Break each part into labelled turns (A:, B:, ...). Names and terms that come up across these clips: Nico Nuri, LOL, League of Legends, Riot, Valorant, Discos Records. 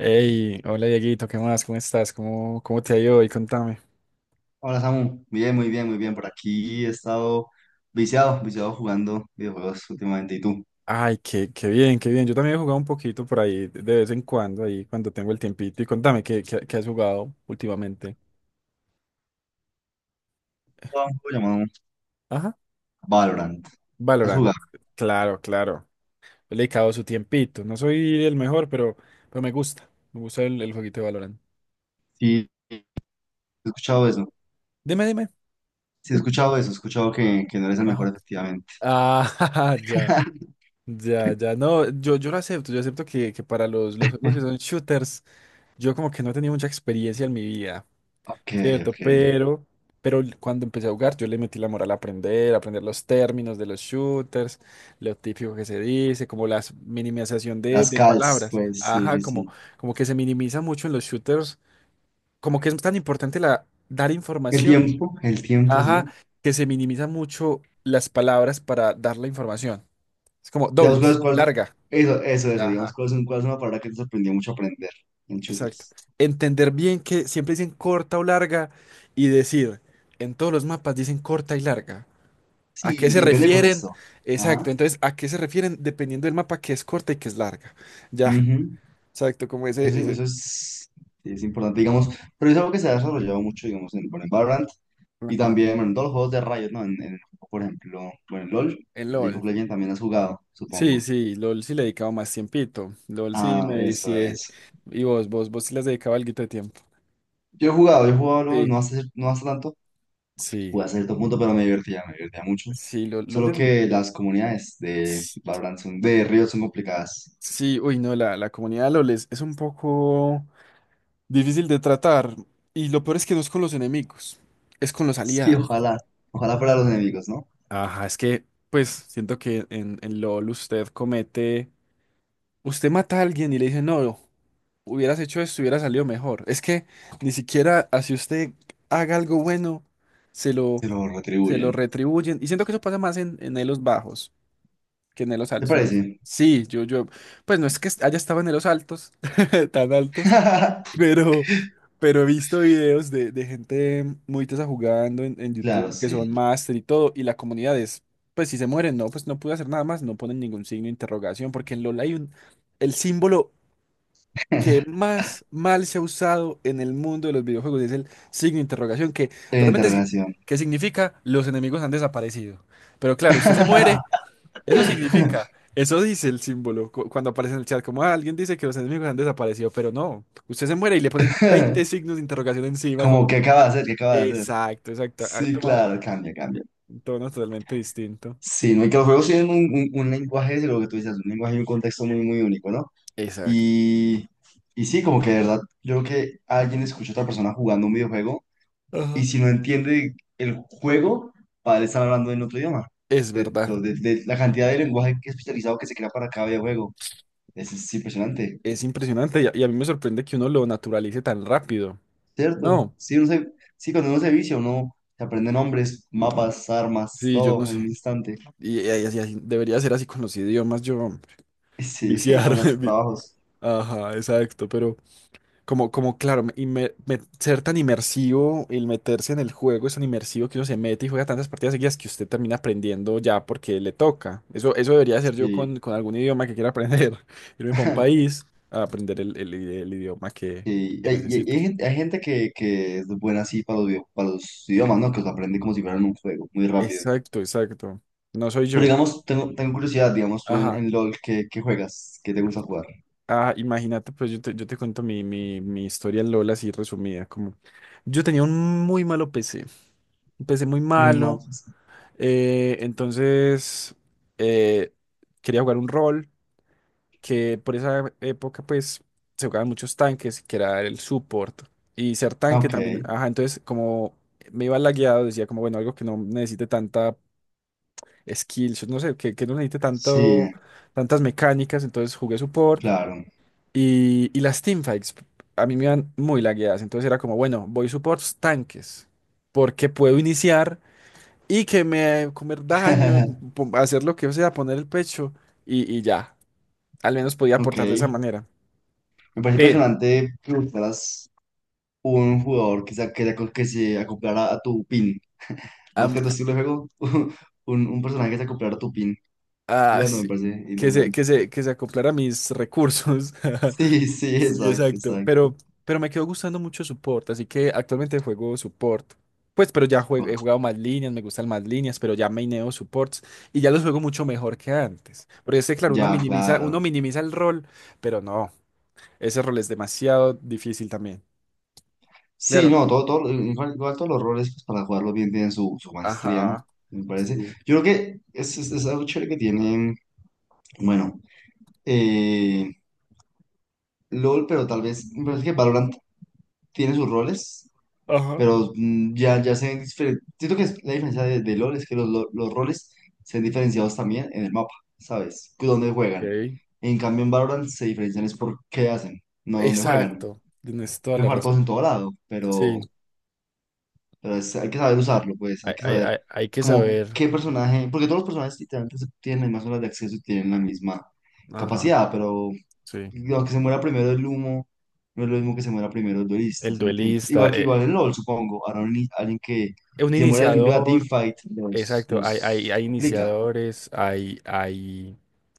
A: Hey, hola Dieguito, ¿qué más? ¿Cómo estás? ¿Cómo te ha ido hoy? Contame.
B: Hola Samu, bien, muy bien, muy bien. Por aquí he estado viciado, viciado jugando videojuegos últimamente. ¿Y tú?
A: Ay, qué bien, qué bien. Yo también he jugado un poquito por ahí de vez en cuando, ahí cuando tengo el tiempito. Y contame, ¿qué has jugado últimamente?
B: Jugaba un juego llamado
A: Ajá.
B: Valorant. ¿Has
A: Valorant.
B: jugado?
A: Claro, claro. Le he dedicado su tiempito. No soy el mejor, pero me gusta. Me gusta el jueguito de Valorant.
B: Sí, he escuchado eso.
A: Dime, dime.
B: Sí, he escuchado eso. He escuchado que no eres el mejor,
A: Ajá.
B: efectivamente.
A: Ah, ya. Ya, ya, no, yo lo acepto, yo acepto que para los juegos que son shooters, yo como que no he tenido mucha experiencia en mi vida.
B: Ok,
A: Cierto,
B: ok.
A: pero cuando empecé a jugar, yo le metí la moral a aprender los términos de los shooters, lo típico que se dice, como la minimización de,
B: Las
A: de
B: calls,
A: palabras.
B: pues sí, sí,
A: Ajá, como,
B: sí.
A: como que se minimiza mucho en los shooters, como que es tan importante dar información,
B: El tiempo,
A: ajá,
B: sí.
A: que se minimiza mucho las palabras para dar la información. Es como
B: Digamos,
A: dobles, larga.
B: eso, eso, eso. Digamos,
A: Ajá,
B: ¿cuál es una palabra que te sorprendió mucho aprender en
A: exacto.
B: shooters?
A: Entender bien que siempre dicen corta o larga y decir, en todos los mapas dicen corta y larga. ¿A qué
B: Sí,
A: se
B: y depende del
A: refieren?
B: contexto.
A: Exacto,
B: Ajá.
A: entonces, ¿a qué se refieren? Dependiendo del mapa, que es corta y que es larga. Ya, exacto, como
B: Eso,
A: ese,
B: sí-
A: ese,
B: eso es, sí, es importante, digamos, pero es algo que se ha desarrollado mucho, digamos, en, bueno, en Valorant y
A: ajá,
B: también, bueno, en todos los juegos de Riot, ¿no? En, por ejemplo, bueno, en LoL,
A: en
B: League of
A: LOL.
B: Legends también has jugado,
A: Sí,
B: supongo.
A: sí, LOL sí le he dedicado más tiempito. LOL sí
B: Ah,
A: me
B: eso
A: decía,
B: es.
A: y vos sí le has dedicado algo de tiempo.
B: Yo he jugado LoL,
A: Sí.
B: no hace tanto,
A: Sí,
B: jugué a cierto punto, pero me divertía mucho.
A: sí, LOL,
B: Solo
A: es...
B: que las comunidades de Valorant son, de Riot son complicadas.
A: Sí, uy, no, la comunidad de LOL es un poco difícil de tratar, y lo peor es que no es con los enemigos, es con los
B: Sí,
A: aliados.
B: ojalá fuera los enemigos, ¿no?
A: Ajá, es que, pues, siento que en LOL usted comete, usted mata a alguien y le dice, no, hubieras hecho esto, hubiera salido mejor. Es que ni siquiera así usted haga algo bueno, se lo,
B: Se lo
A: se lo
B: retribuyen.
A: retribuyen. Y siento que eso pasa más en, elos bajos que en elos
B: ¿Te
A: altos. En elos...
B: parece?
A: Sí, yo, pues no es que haya estado en elos altos, tan altos, Pero, pero he visto videos de gente muy tesa jugando en
B: Claro,
A: YouTube que
B: sí.
A: son máster y todo, y la comunidad es, pues si se mueren, no, pues no pude hacer nada más, no ponen ningún signo de interrogación, porque en LoL hay un, el símbolo que más mal se ha usado en el mundo de los videojuegos es el signo de interrogación, que
B: Punto
A: realmente es,
B: interrogación.
A: que significa los enemigos han desaparecido. Pero claro, usted se muere eso significa, eso dice el símbolo cuando aparece en el chat, como "Ah, alguien dice que los enemigos han desaparecido, pero no, usted se muere y le ponen 20 signos de interrogación encima,
B: Como,
A: como,
B: ¿qué acaba de hacer? ¿Qué acaba de hacer?
A: exacto, exacto, ha
B: Sí,
A: tomado
B: claro, cambia, cambia.
A: un tono totalmente distinto.
B: Sí, no, y que los juegos tienen un, un lenguaje, de lo que tú dices, un lenguaje y un contexto muy, muy único, ¿no?
A: Exacto.
B: Y, y sí, como que de verdad, yo creo que alguien escucha a otra persona jugando un videojuego y
A: Ajá.
B: si no entiende el juego, para él estar hablando en otro idioma.
A: Es
B: De,
A: verdad,
B: de- de de la cantidad de lenguaje que especializado que se crea para cada videojuego. Es impresionante.
A: es impresionante y a, mí me sorprende que uno lo naturalice tan rápido.
B: ¿Cierto?
A: No,
B: Sí, sí, cuando uno se vicia, uno se aprende nombres, mapas, armas,
A: sí, yo no
B: todo en un
A: sé.
B: instante.
A: Y así, debería ser así con los idiomas, yo
B: Sí,
A: viciar.
B: con los
A: vi-
B: trabajos.
A: Ajá, exacto, pero Como, claro, ser tan inmersivo, el meterse en el juego es tan inmersivo que uno se mete y juega tantas partidas seguidas que usted termina aprendiendo ya porque le toca. Eso debería ser yo
B: Sí.
A: con, algún idioma que quiera aprender. Irme para un país a aprender el, el idioma que,
B: Y
A: que
B: hay, y hay- y
A: necesito.
B: hay gente que es buena así para para los idiomas, ¿no? Que los aprende como si fueran un juego, muy rápido.
A: Exacto, exacto. No soy
B: Pero
A: yo.
B: digamos, tengo curiosidad, digamos, tú en,
A: Ajá.
B: en LOL, ¿qué juegas? ¿Qué te gusta jugar?
A: Ah, imagínate, pues yo te, cuento mi historia en LOL así resumida. Como yo tenía un muy malo PC, un PC muy
B: Muy mal.
A: malo. Entonces, eh, quería jugar un rol que por esa época, pues, se jugaban muchos tanques, que era el support. Y ser tanque ah,
B: Ok,
A: también, ajá, entonces como me iba lagueado, decía como, bueno, algo que no necesite tanta skills, no sé, que no necesite
B: sí,
A: tantas mecánicas, entonces jugué support.
B: claro.
A: Y las teamfights a mí me iban muy lagueadas, entonces era como, bueno, voy supports tanques, porque puedo iniciar y que me comer daño, pum, hacer lo que sea, poner el pecho y ya. Al menos podía aportar de esa
B: Ok.
A: manera.
B: Me parece
A: Sí.
B: impresionante que buscaras un jugador que se acoplara a tu pin.
A: A
B: Más que a
A: mí-
B: tu estilo de juego, un personaje que se acoplara a tu pin jugando me
A: sí,
B: parece
A: Que se,
B: interesante.
A: que se, que se acoplara a mis recursos.
B: Sí, sí,
A: Sí,
B: exacto,
A: exacto.
B: exacto.
A: Pero me quedó gustando mucho support, así que actualmente juego support. Pues, pero ya he
B: Ok,
A: jugado más líneas, me gustan más líneas, pero ya maineo supports y ya los juego mucho mejor que antes. Porque este, claro, uno
B: ya,
A: minimiza, uno
B: claro.
A: minimiza el rol, pero no, ese rol es demasiado difícil también.
B: Sí,
A: Claro,
B: no, todo, todo, igual, igual todos los roles pues, para jugarlo bien tienen su maestría, ¿no?
A: ajá,
B: Me parece.
A: sí,
B: Yo creo que es algo chévere que tienen bueno, eh, LOL, pero tal vez, me parece que Valorant tiene sus roles
A: ajá.
B: pero ya, ya se ven diferentes. Siento que es la diferencia de LoL es que los roles se ven diferenciados también en el mapa, ¿sabes? Que dónde juegan.
A: Ok.
B: En cambio, en Valorant se diferencian es por qué hacen, no dónde juegan.
A: Exacto, tienes toda
B: Pueden
A: la
B: jugar todos en
A: razón.
B: todo lado, pero,
A: Sí,
B: pero es- hay que saber usarlo, pues
A: hay,
B: hay que
A: hay-
B: saber
A: hay- hay que
B: como
A: saber.
B: qué personaje, porque todos los personajes literalmente tienen las mismas horas de acceso y tienen la misma
A: Ajá,
B: capacidad, pero
A: sí.
B: lo que se muera primero el humo, no es lo mismo que se muera primero el duelista,
A: El
B: ¿sí me entiendes?
A: duelista,
B: Igual que igual en LOL, supongo. Ahora un ni- alguien que
A: un
B: si se muere el inicio de la
A: iniciador,
B: teamfight, los,
A: exacto, hay, hay,
B: los
A: hay
B: complica.
A: iniciadores, hay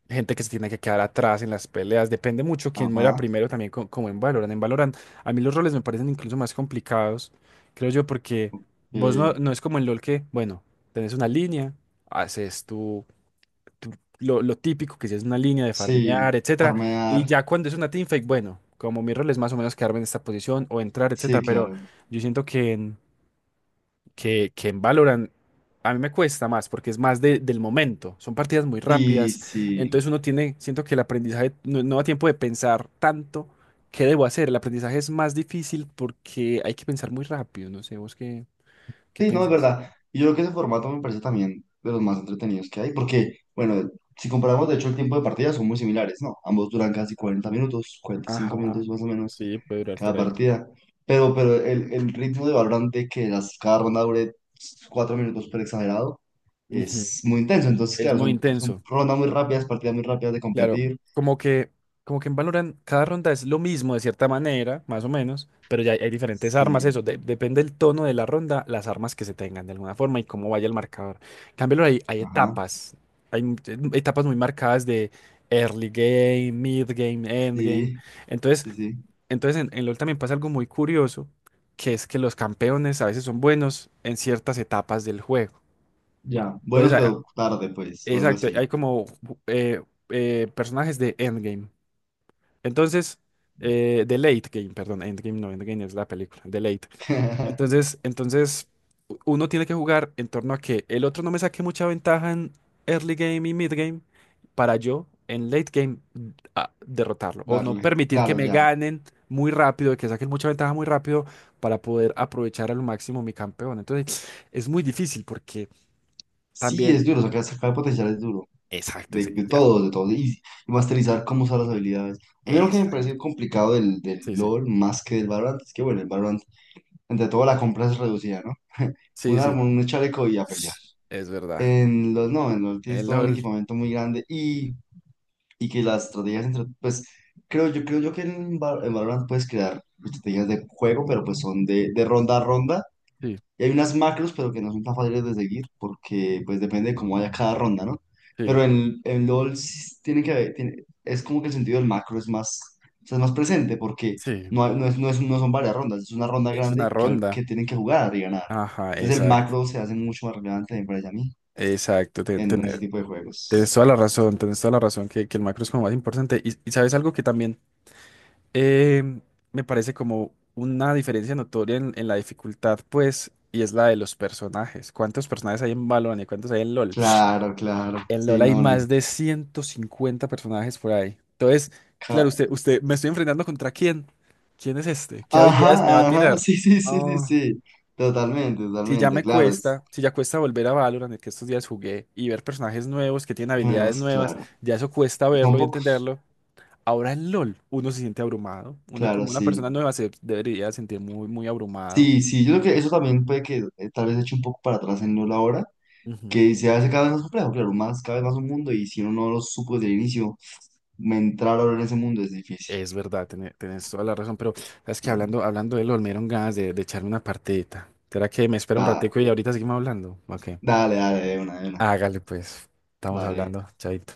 A: gente que se tiene que quedar atrás en las peleas, depende mucho quién muera
B: Ajá.
A: primero también como en Valorant. En Valorant a mí los roles me parecen incluso más complicados, creo yo, porque vos no,
B: eh,
A: no es como en LoL que, bueno, tenés una línea, haces tú- lo típico que si es una línea de farmear,
B: sí,
A: etcétera. Y
B: farmear.
A: ya cuando es una teamfight, bueno, como mi rol es más o menos quedarme en esta posición o entrar, etcétera.
B: Sí,
A: Pero
B: claro.
A: yo siento que que en Valorant a mí me cuesta más porque es más del momento. Son partidas muy
B: Sí,
A: rápidas.
B: sí.
A: Entonces uno tiene, siento que el aprendizaje no da tiempo de pensar tanto. ¿Qué debo hacer? El aprendizaje es más difícil porque hay que pensar muy rápido. No sé, vos qué,
B: Sí, no, es
A: pensés.
B: verdad. Y yo creo que ese formato me parece también de los más entretenidos que hay, porque, bueno, si comparamos, de hecho, el tiempo de partida son muy similares, ¿no? Ambos duran casi 40 minutos, cuarenta y cinco
A: Ajá.
B: minutos más o menos
A: Sí, puede durar por
B: cada
A: ahí.
B: partida, pero el ritmo de Valorant de que cada ronda dure 4 minutos por exagerado
A: Ujú.
B: es muy intenso. Entonces,
A: Es
B: claro,
A: muy
B: son
A: intenso.
B: rondas muy rápidas, partidas muy rápidas de
A: Claro,
B: competir.
A: como que, como que en Valorant cada ronda es lo mismo de cierta manera, más o menos, pero ya hay diferentes armas,
B: Sí,
A: eso, depende del tono de la ronda, las armas que se tengan de alguna forma y cómo vaya el marcador. En cambio, ahora hay
B: ajá,
A: etapas, etapas muy marcadas de early game, mid game, end game.
B: sí,
A: Entonces,
B: sí, sí.
A: entonces en LoL también pasa algo muy curioso, que es que los campeones a veces son buenos en ciertas etapas del juego.
B: Ya,
A: Entonces,
B: buenos pero tarde, pues, o algo
A: exacto,
B: así.
A: hay como eh, personajes de endgame. Entonces, The Late Game, perdón, Endgame no, Endgame es la película, The Late. Entonces, entonces, uno tiene que jugar en torno a que el otro no me saque mucha ventaja en early game y mid game para yo en late game, derrotarlo o no
B: Darle,
A: permitir que
B: claro,
A: me
B: ya.
A: ganen muy rápido, que saquen mucha ventaja muy rápido para poder aprovechar al máximo mi campeón. Entonces, es muy difícil porque
B: Sí, es
A: también...
B: duro, sacar potencial es duro,
A: Exacto,
B: de,
A: sí,
B: de
A: ya.
B: todos, de todos, y masterizar cómo usar las habilidades. A mí lo que me
A: Exacto.
B: parece complicado del
A: Sí, sí,
B: LoL más que del Valorant es que, bueno, el Valorant, entre todo, la compra es reducida, ¿no? Un
A: sí, sí,
B: arma, un chaleco y a pelear.
A: es verdad.
B: En los, no, en LoL tienes
A: El
B: todo un
A: LOL,
B: equipamiento muy grande y que las estrategias entre, pues, creo yo que en Valorant puedes crear estrategias de juego, pero pues son de ronda a ronda
A: sí.
B: y hay unas macros, pero que no son tan fáciles de seguir porque pues depende de cómo vaya cada ronda, ¿no?
A: Sí,
B: Pero en LOL sí tiene que haber, es como que el sentido del macro es más, o sea, es más presente porque
A: sí,
B: no son varias rondas, es una ronda
A: es una
B: grande que, al-
A: ronda.
B: que tienen que jugar y ganar.
A: Ajá,
B: Entonces el
A: exacto,
B: macro se hace mucho más relevante, me parece a mí,
A: exacto,
B: en ese tipo de juegos.
A: tienes toda la razón, tienes toda la razón que el macro es como más importante. Y sabes algo que también em, me parece como una diferencia notoria en, la dificultad, pues, y es la de los personajes. ¿Cuántos personajes hay en Valorant y cuántos hay en LOL?
B: Claro, claro.
A: En
B: Sí,
A: LOL hay
B: no, no.
A: más de 150 personajes por ahí. Entonces, claro,
B: ca-
A: usted, ¿me estoy enfrentando contra quién? ¿Quién es este? ¿Qué habilidades me va a
B: Ajá, ajá,
A: tirar?
B: sí, sí, sí, sí,
A: No.
B: sí. Totalmente,
A: Si ya
B: totalmente,
A: me
B: claro. Es,
A: cuesta, si ya cuesta volver a Valorant, el que estos días jugué, y ver personajes nuevos que tienen
B: no,
A: habilidades
B: es
A: nuevas,
B: claro.
A: ya eso cuesta
B: Y son
A: verlo y
B: pocos,
A: entenderlo. Ahora en LOL uno se siente abrumado. Uno
B: claro,
A: como una
B: sí.
A: persona nueva se debería sentir muy, muy abrumado.
B: Sí, sí, yo creo que eso también puede que tal vez eche un poco para atrás en no la hora,
A: Ujú.
B: que se hace cada vez más complejo, claro, más, cada vez más un mundo, y si uno no lo supo desde el inicio, entrar ahora en ese mundo es difícil.
A: Es verdad, tienes toda la razón, pero sabes que
B: Sí.
A: hablando de LOL me dieron ganas de echarme una partidita. ¿Será que me espera un
B: Da-
A: ratico y ahorita seguimos hablando? Ok.
B: dale, dale, de una,
A: Hágale pues, estamos
B: dale.
A: hablando, chaito.